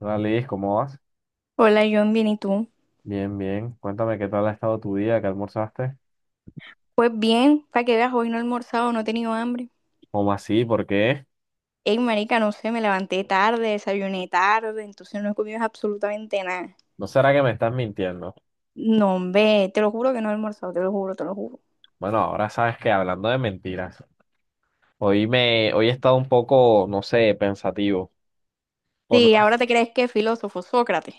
Hola Liz, ¿cómo vas? Hola, John, bien, ¿y tú? Bien, bien. Cuéntame qué tal ha estado tu día, qué almorzaste. Pues bien, para que veas, hoy no he almorzado, no he tenido hambre. ¿Cómo así? ¿Por qué? Ey, marica, no sé, me levanté tarde, desayuné tarde, entonces no he comido absolutamente nada. ¿No será que me estás mintiendo? No, hombre, te lo juro que no he almorzado, te lo juro, te lo juro. Bueno, ahora sabes que hablando de mentiras, hoy he estado un poco, no sé, pensativo. Por Sí, una- ahora te crees que es filósofo, Sócrates.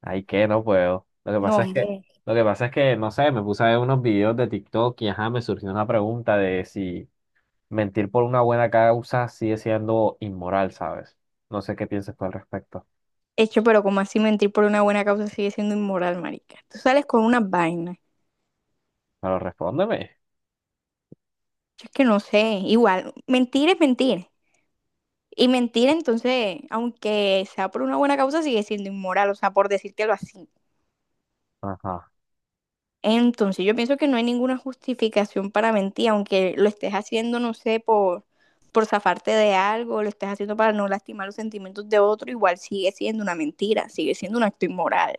Ay, que no puedo. No, hombre. Lo que pasa es que, no sé, me puse a ver unos videos de TikTok y ajá, me surgió una pregunta de si mentir por una buena causa sigue siendo inmoral, ¿sabes? No sé qué piensas tú al respecto. Hecho, pero como así mentir por una buena causa sigue siendo inmoral, marica. Tú sales con unas vainas. Pero respóndeme. Yo es que no sé, igual, mentir es mentir. Y mentir, entonces, aunque sea por una buena causa, sigue siendo inmoral, o sea, por decírtelo así. Ajá. Entonces, yo pienso que no hay ninguna justificación para mentir, aunque lo estés haciendo, no sé, por zafarte de algo, lo estés haciendo para no lastimar los sentimientos de otro, igual sigue siendo una mentira, sigue siendo un acto inmoral.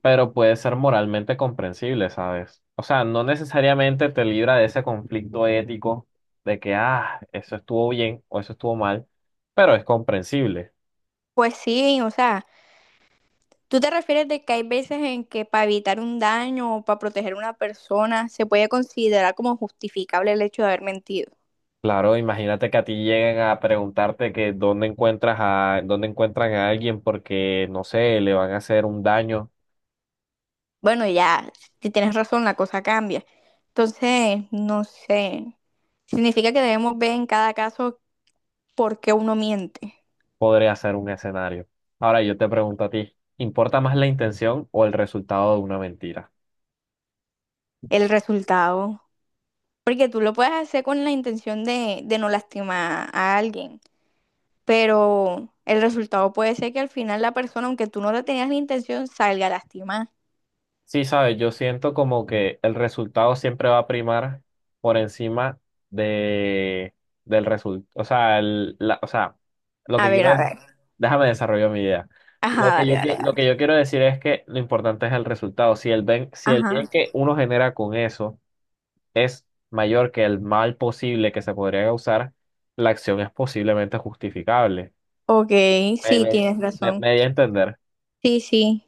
Pero puede ser moralmente comprensible, ¿sabes? O sea, no necesariamente te libra de ese conflicto ético de que, ah, eso estuvo bien o eso estuvo mal, pero es comprensible. Pues sí, o sea, tú te refieres de que hay veces en que para evitar un daño o para proteger a una persona se puede considerar como justificable el hecho de haber mentido. Claro, imagínate que a ti lleguen a preguntarte que dónde encuentran a alguien porque, no sé, le van a hacer un daño, Bueno, ya, si tienes razón, la cosa cambia. Entonces, no sé. Significa que debemos ver en cada caso porque uno miente podría ser un escenario. Ahora yo te pregunto a ti, ¿importa más la intención o el resultado de una mentira? el resultado. Porque tú lo puedes hacer con la intención de no lastimar a alguien, pero el resultado puede ser que al final la persona, aunque tú no le tenías la intención, salga lastimada. Sí, sabes, yo siento como que el resultado siempre va a primar por encima de, del resultado. O sea, el- la- o sea, lo A que ver, quiero a es, ver. déjame desarrollar mi idea. Ajá, dale, dale, Lo dale. que yo quiero decir es que lo importante es el resultado. Si el ben- si el bien Ajá. que uno genera con eso mayor que el mal posible que se podría causar, la acción es posiblemente justificable. Ok, Me, sí, me, tienes me, razón. me di a entender. Sí, sí.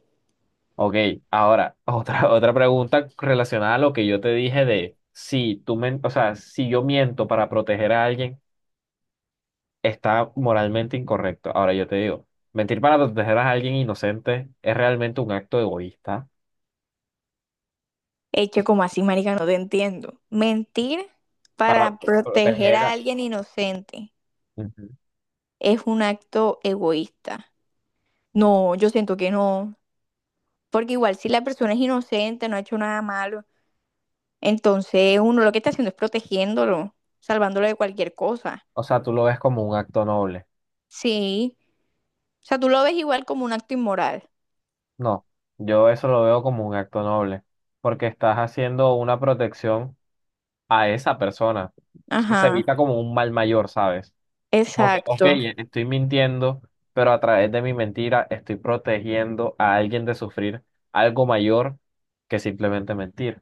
Ok, ahora, otra pregunta relacionada a lo que yo te dije de si tú men- o sea, si yo miento para proteger a alguien, está moralmente incorrecto. Ahora yo te digo, mentir para proteger a alguien inocente es realmente un acto egoísta Hecho como así, marica, no te entiendo. Mentir para para pro- proteger proteger a a... alguien inocente Ujú. es un acto egoísta. No, yo siento que no. Porque igual si la persona es inocente, no ha hecho nada malo, entonces uno lo que está haciendo es protegiéndolo, salvándolo de cualquier cosa. O sea, tú lo ves como un acto noble. Sí. O sea, tú lo ves igual como un acto inmoral. No, yo eso lo veo como un acto noble, porque estás haciendo una protección a esa persona. O sea, se Ajá. evita como un mal mayor, ¿sabes? Ok, ok, Exacto. estoy mintiendo, pero a través de mi mentira estoy protegiendo a alguien de sufrir algo mayor que simplemente mentir.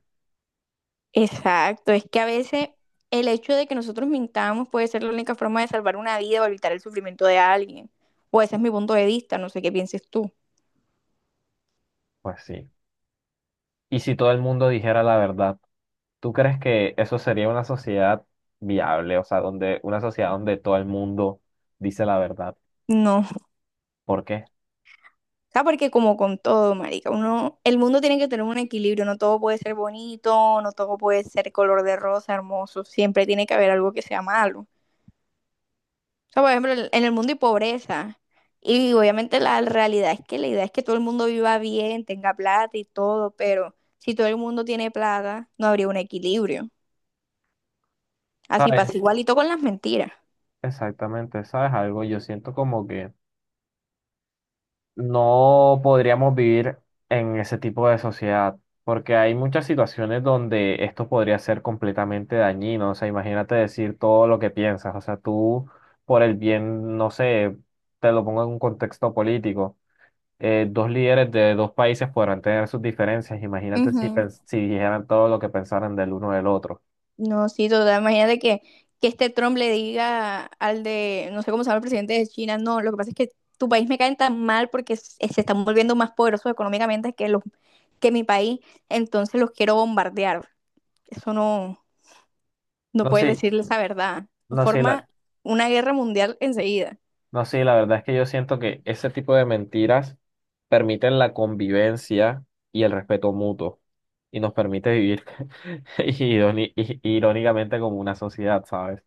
Exacto. Es que a veces el hecho de que nosotros mintamos puede ser la única forma de salvar una vida o evitar el sufrimiento de alguien. O ese es mi punto de vista, no sé qué pienses tú. Pues sí. Y si todo el mundo dijera la verdad, ¿tú crees que eso sería una sociedad viable? O sea, donde una sociedad donde todo el mundo dice la verdad. No. ¿Por qué? Sea, porque como con todo, marica, uno, el mundo tiene que tener un equilibrio, no todo puede ser bonito, no todo puede ser color de rosa, hermoso, siempre tiene que haber algo que sea malo. O sea, por ejemplo, en el mundo hay pobreza. Y obviamente la realidad es que la idea es que todo el mundo viva bien, tenga plata y todo, pero si todo el mundo tiene plata, no habría un equilibrio. Así ¿Sabes? pasa igualito con las mentiras. Exactamente, ¿sabes algo? Yo siento como que no podríamos vivir en ese tipo de sociedad, porque hay muchas situaciones donde esto podría ser completamente dañino. O sea, imagínate decir todo lo que piensas. O sea, tú, por el bien, no sé, te lo pongo en un contexto político. Eh, dos líderes de dos países podrán tener sus diferencias. Imagínate si, pens- si dijeran todo lo que pensaran del uno del otro. No, sí, total. Imagínate que este Trump le diga al de, no sé cómo se llama el presidente de China, no, lo que pasa es que tu país me cae tan mal porque se están volviendo más poderosos económicamente que que mi país, entonces los quiero bombardear. Eso no, no No, puedes sí, decirles la verdad. no, sé. Forma una guerra mundial enseguida. No, sí, la verdad es que yo siento que ese tipo de mentiras permiten la convivencia y el respeto mutuo y nos permite vivir iróni- i- irónicamente como una sociedad, ¿sabes?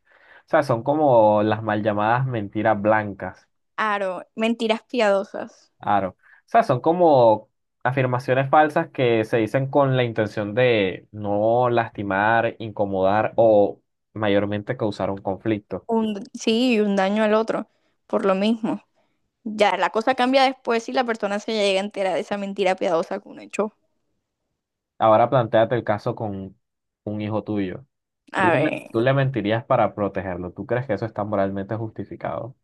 O sea, son como las mal llamadas mentiras blancas, Aro, mentiras piadosas. claro. O sea, son como afirmaciones falsas que se dicen con la intención de no lastimar, incomodar o mayormente causar un conflicto. Sí, y un daño al otro, por lo mismo. Ya, la cosa cambia después si la persona se llega a enterar de esa mentira piadosa que uno echó. Ahora plantéate el caso con un hijo tuyo. ¿Tú A le, men- tú ver. le mentirías para protegerlo? ¿Tú crees que eso está moralmente justificado?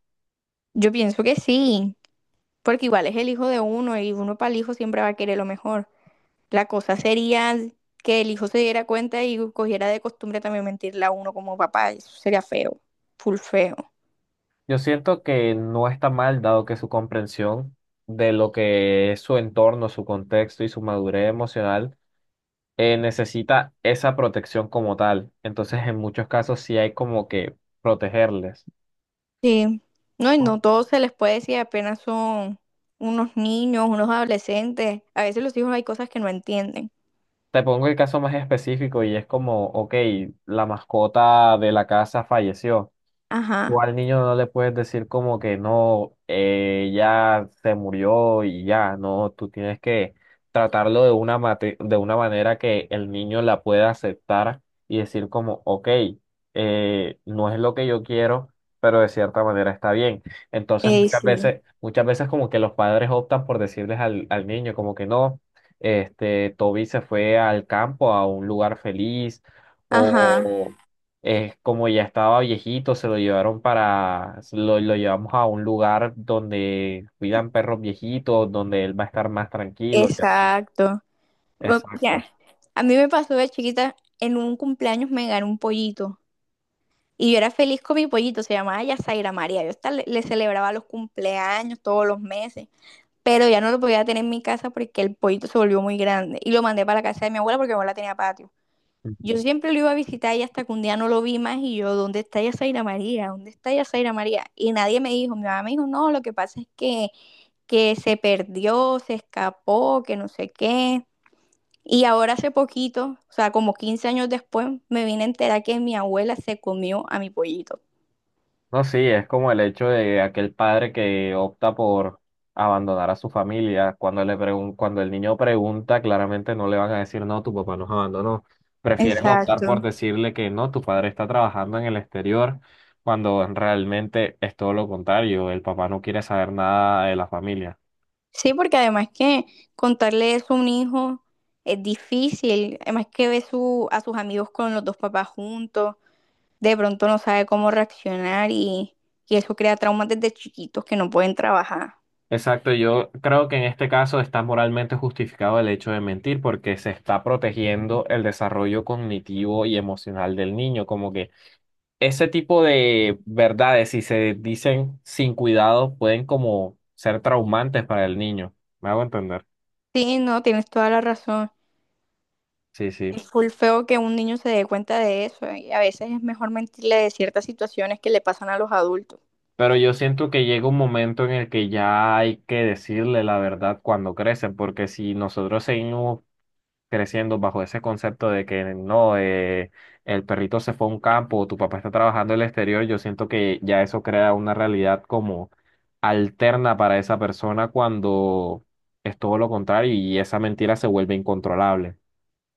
Yo pienso que sí, porque igual es el hijo de uno y uno para el hijo siempre va a querer lo mejor. La cosa sería que el hijo se diera cuenta y cogiera de costumbre también mentirle a uno como papá. Eso sería feo, full feo. Yo siento que no está mal, dado que su comprensión de lo que es su entorno, su contexto y su madurez emocional necesita esa protección como tal. Entonces, en muchos casos sí hay como que protegerles. Sí, no, y Bueno. no todo se les puede decir, apenas son unos niños, unos adolescentes. A veces los hijos hay cosas que no entienden. Te pongo el caso más específico y es como, ok, la mascota de la casa falleció. Tú Ajá, al niño no le puedes decir como que no, ya se murió y ya, no, tú tienes que tratarlo de una, mate- de una manera que el niño la pueda aceptar y decir como, ok, no es lo que yo quiero, pero de cierta manera está bien. Entonces sí, muchas veces como que los padres optan por decirles al niño como que no, este, Toby se fue al campo, a un lugar feliz. Mm. ajá, O, como ya estaba viejito, se lo llevaron para, se lo llevamos a un lugar donde cuidan perros viejitos, donde él va a estar más tranquilo y así. exacto. O sea, Exacto. a mí me pasó de chiquita, en un cumpleaños me gané un pollito. Y yo era feliz con mi pollito, se llamaba Yasaira María. Yo hasta le celebraba los cumpleaños todos los meses, pero ya no lo podía tener en mi casa porque el pollito se volvió muy grande. Y lo mandé para la casa de mi abuela porque mi abuela tenía patio. Yo siempre lo iba a visitar y hasta que un día no lo vi más y yo, ¿dónde está Yasaira María? ¿Dónde está Yasaira María? Y nadie me dijo, mi mamá me dijo, no, lo que pasa es que se perdió, se escapó, que no sé qué. Y ahora hace poquito, o sea, como 15 años después, me vine a enterar que mi abuela se comió a mi pollito. No, sí, es como el hecho de aquel padre que opta por abandonar a su familia. Cuando el niño pregunta, claramente no le van a decir, no, tu papá nos abandonó. Prefieren optar por Exacto. decirle que no, tu padre está trabajando en el exterior, cuando realmente es todo lo contrario. El papá no quiere saber nada de la familia. Sí, porque además que contarle eso a un hijo es difícil, además que ve a sus amigos con los dos papás juntos, de pronto no sabe cómo reaccionar y eso crea traumas desde chiquitos que no pueden trabajar. Exacto, yo creo que en este caso está moralmente justificado el hecho de mentir porque se está protegiendo el desarrollo cognitivo y emocional del niño, como que ese tipo de verdades, si se dicen sin cuidado, pueden como ser traumantes para el niño. Me hago entender. Sí, no, tienes toda la razón. Sí, sí. Es full feo que un niño se dé cuenta de eso y a veces es mejor mentirle de ciertas situaciones que le pasan a los adultos. Pero yo siento que llega un momento en el que ya hay que decirle la verdad cuando crecen, porque si nosotros seguimos creciendo bajo ese concepto de que no, el perrito se fue a un campo, tu papá está trabajando en el exterior, yo siento que ya eso crea una realidad como alterna para esa persona cuando es todo lo contrario y esa mentira se vuelve incontrolable.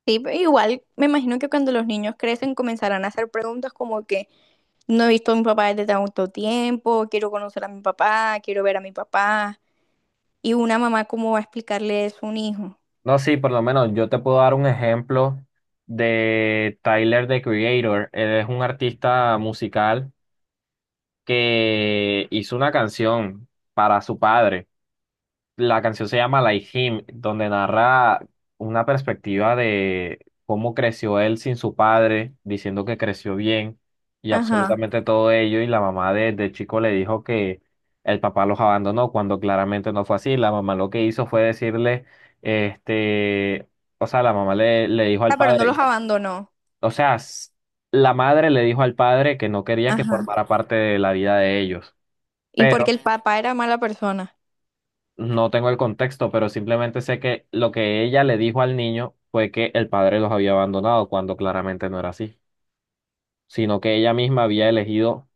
Sí, pero igual me imagino que cuando los niños crecen comenzarán a hacer preguntas como que no he visto a mi papá desde tanto tiempo, quiero conocer a mi papá, quiero ver a mi papá. Y una mamá, ¿cómo va a explicarle eso a un hijo? No, sí, por lo menos yo te puedo dar un ejemplo de Tyler, the Creator. Él es un artista musical que hizo una canción para su padre. La canción se llama Like Him, donde narra una perspectiva de cómo creció él sin su padre, diciendo que creció bien y Ajá. absolutamente todo ello. Y la mamá desde chico le dijo que el papá los abandonó, cuando claramente no fue así. La mamá lo que hizo fue decirle, este, o sea, le dijo al Ah, pero no padre, los no, abandonó. o sea, s- la madre le dijo al padre que no quería que Ajá. formara parte de la vida de ellos. Y porque Pero el papá era mala persona. no tengo el contexto, pero simplemente sé que lo que ella le dijo al niño fue que el padre los había abandonado, cuando claramente no era así, sino que ella misma había elegido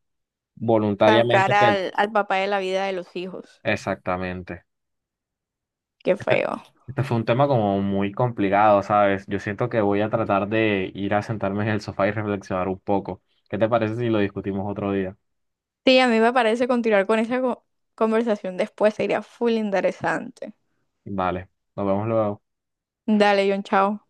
Sacar voluntariamente que... el- al papá de la vida de los hijos. Exactamente. Qué Este, feo. este fue un tema como muy complicado, ¿sabes? Yo siento que voy a tratar de ir a sentarme en el sofá y reflexionar un poco. ¿Qué te parece si lo discutimos otro día? Sí, a mí me parece continuar con esa conversación después sería full interesante. Vale, nos vemos luego. Dale, John, chao.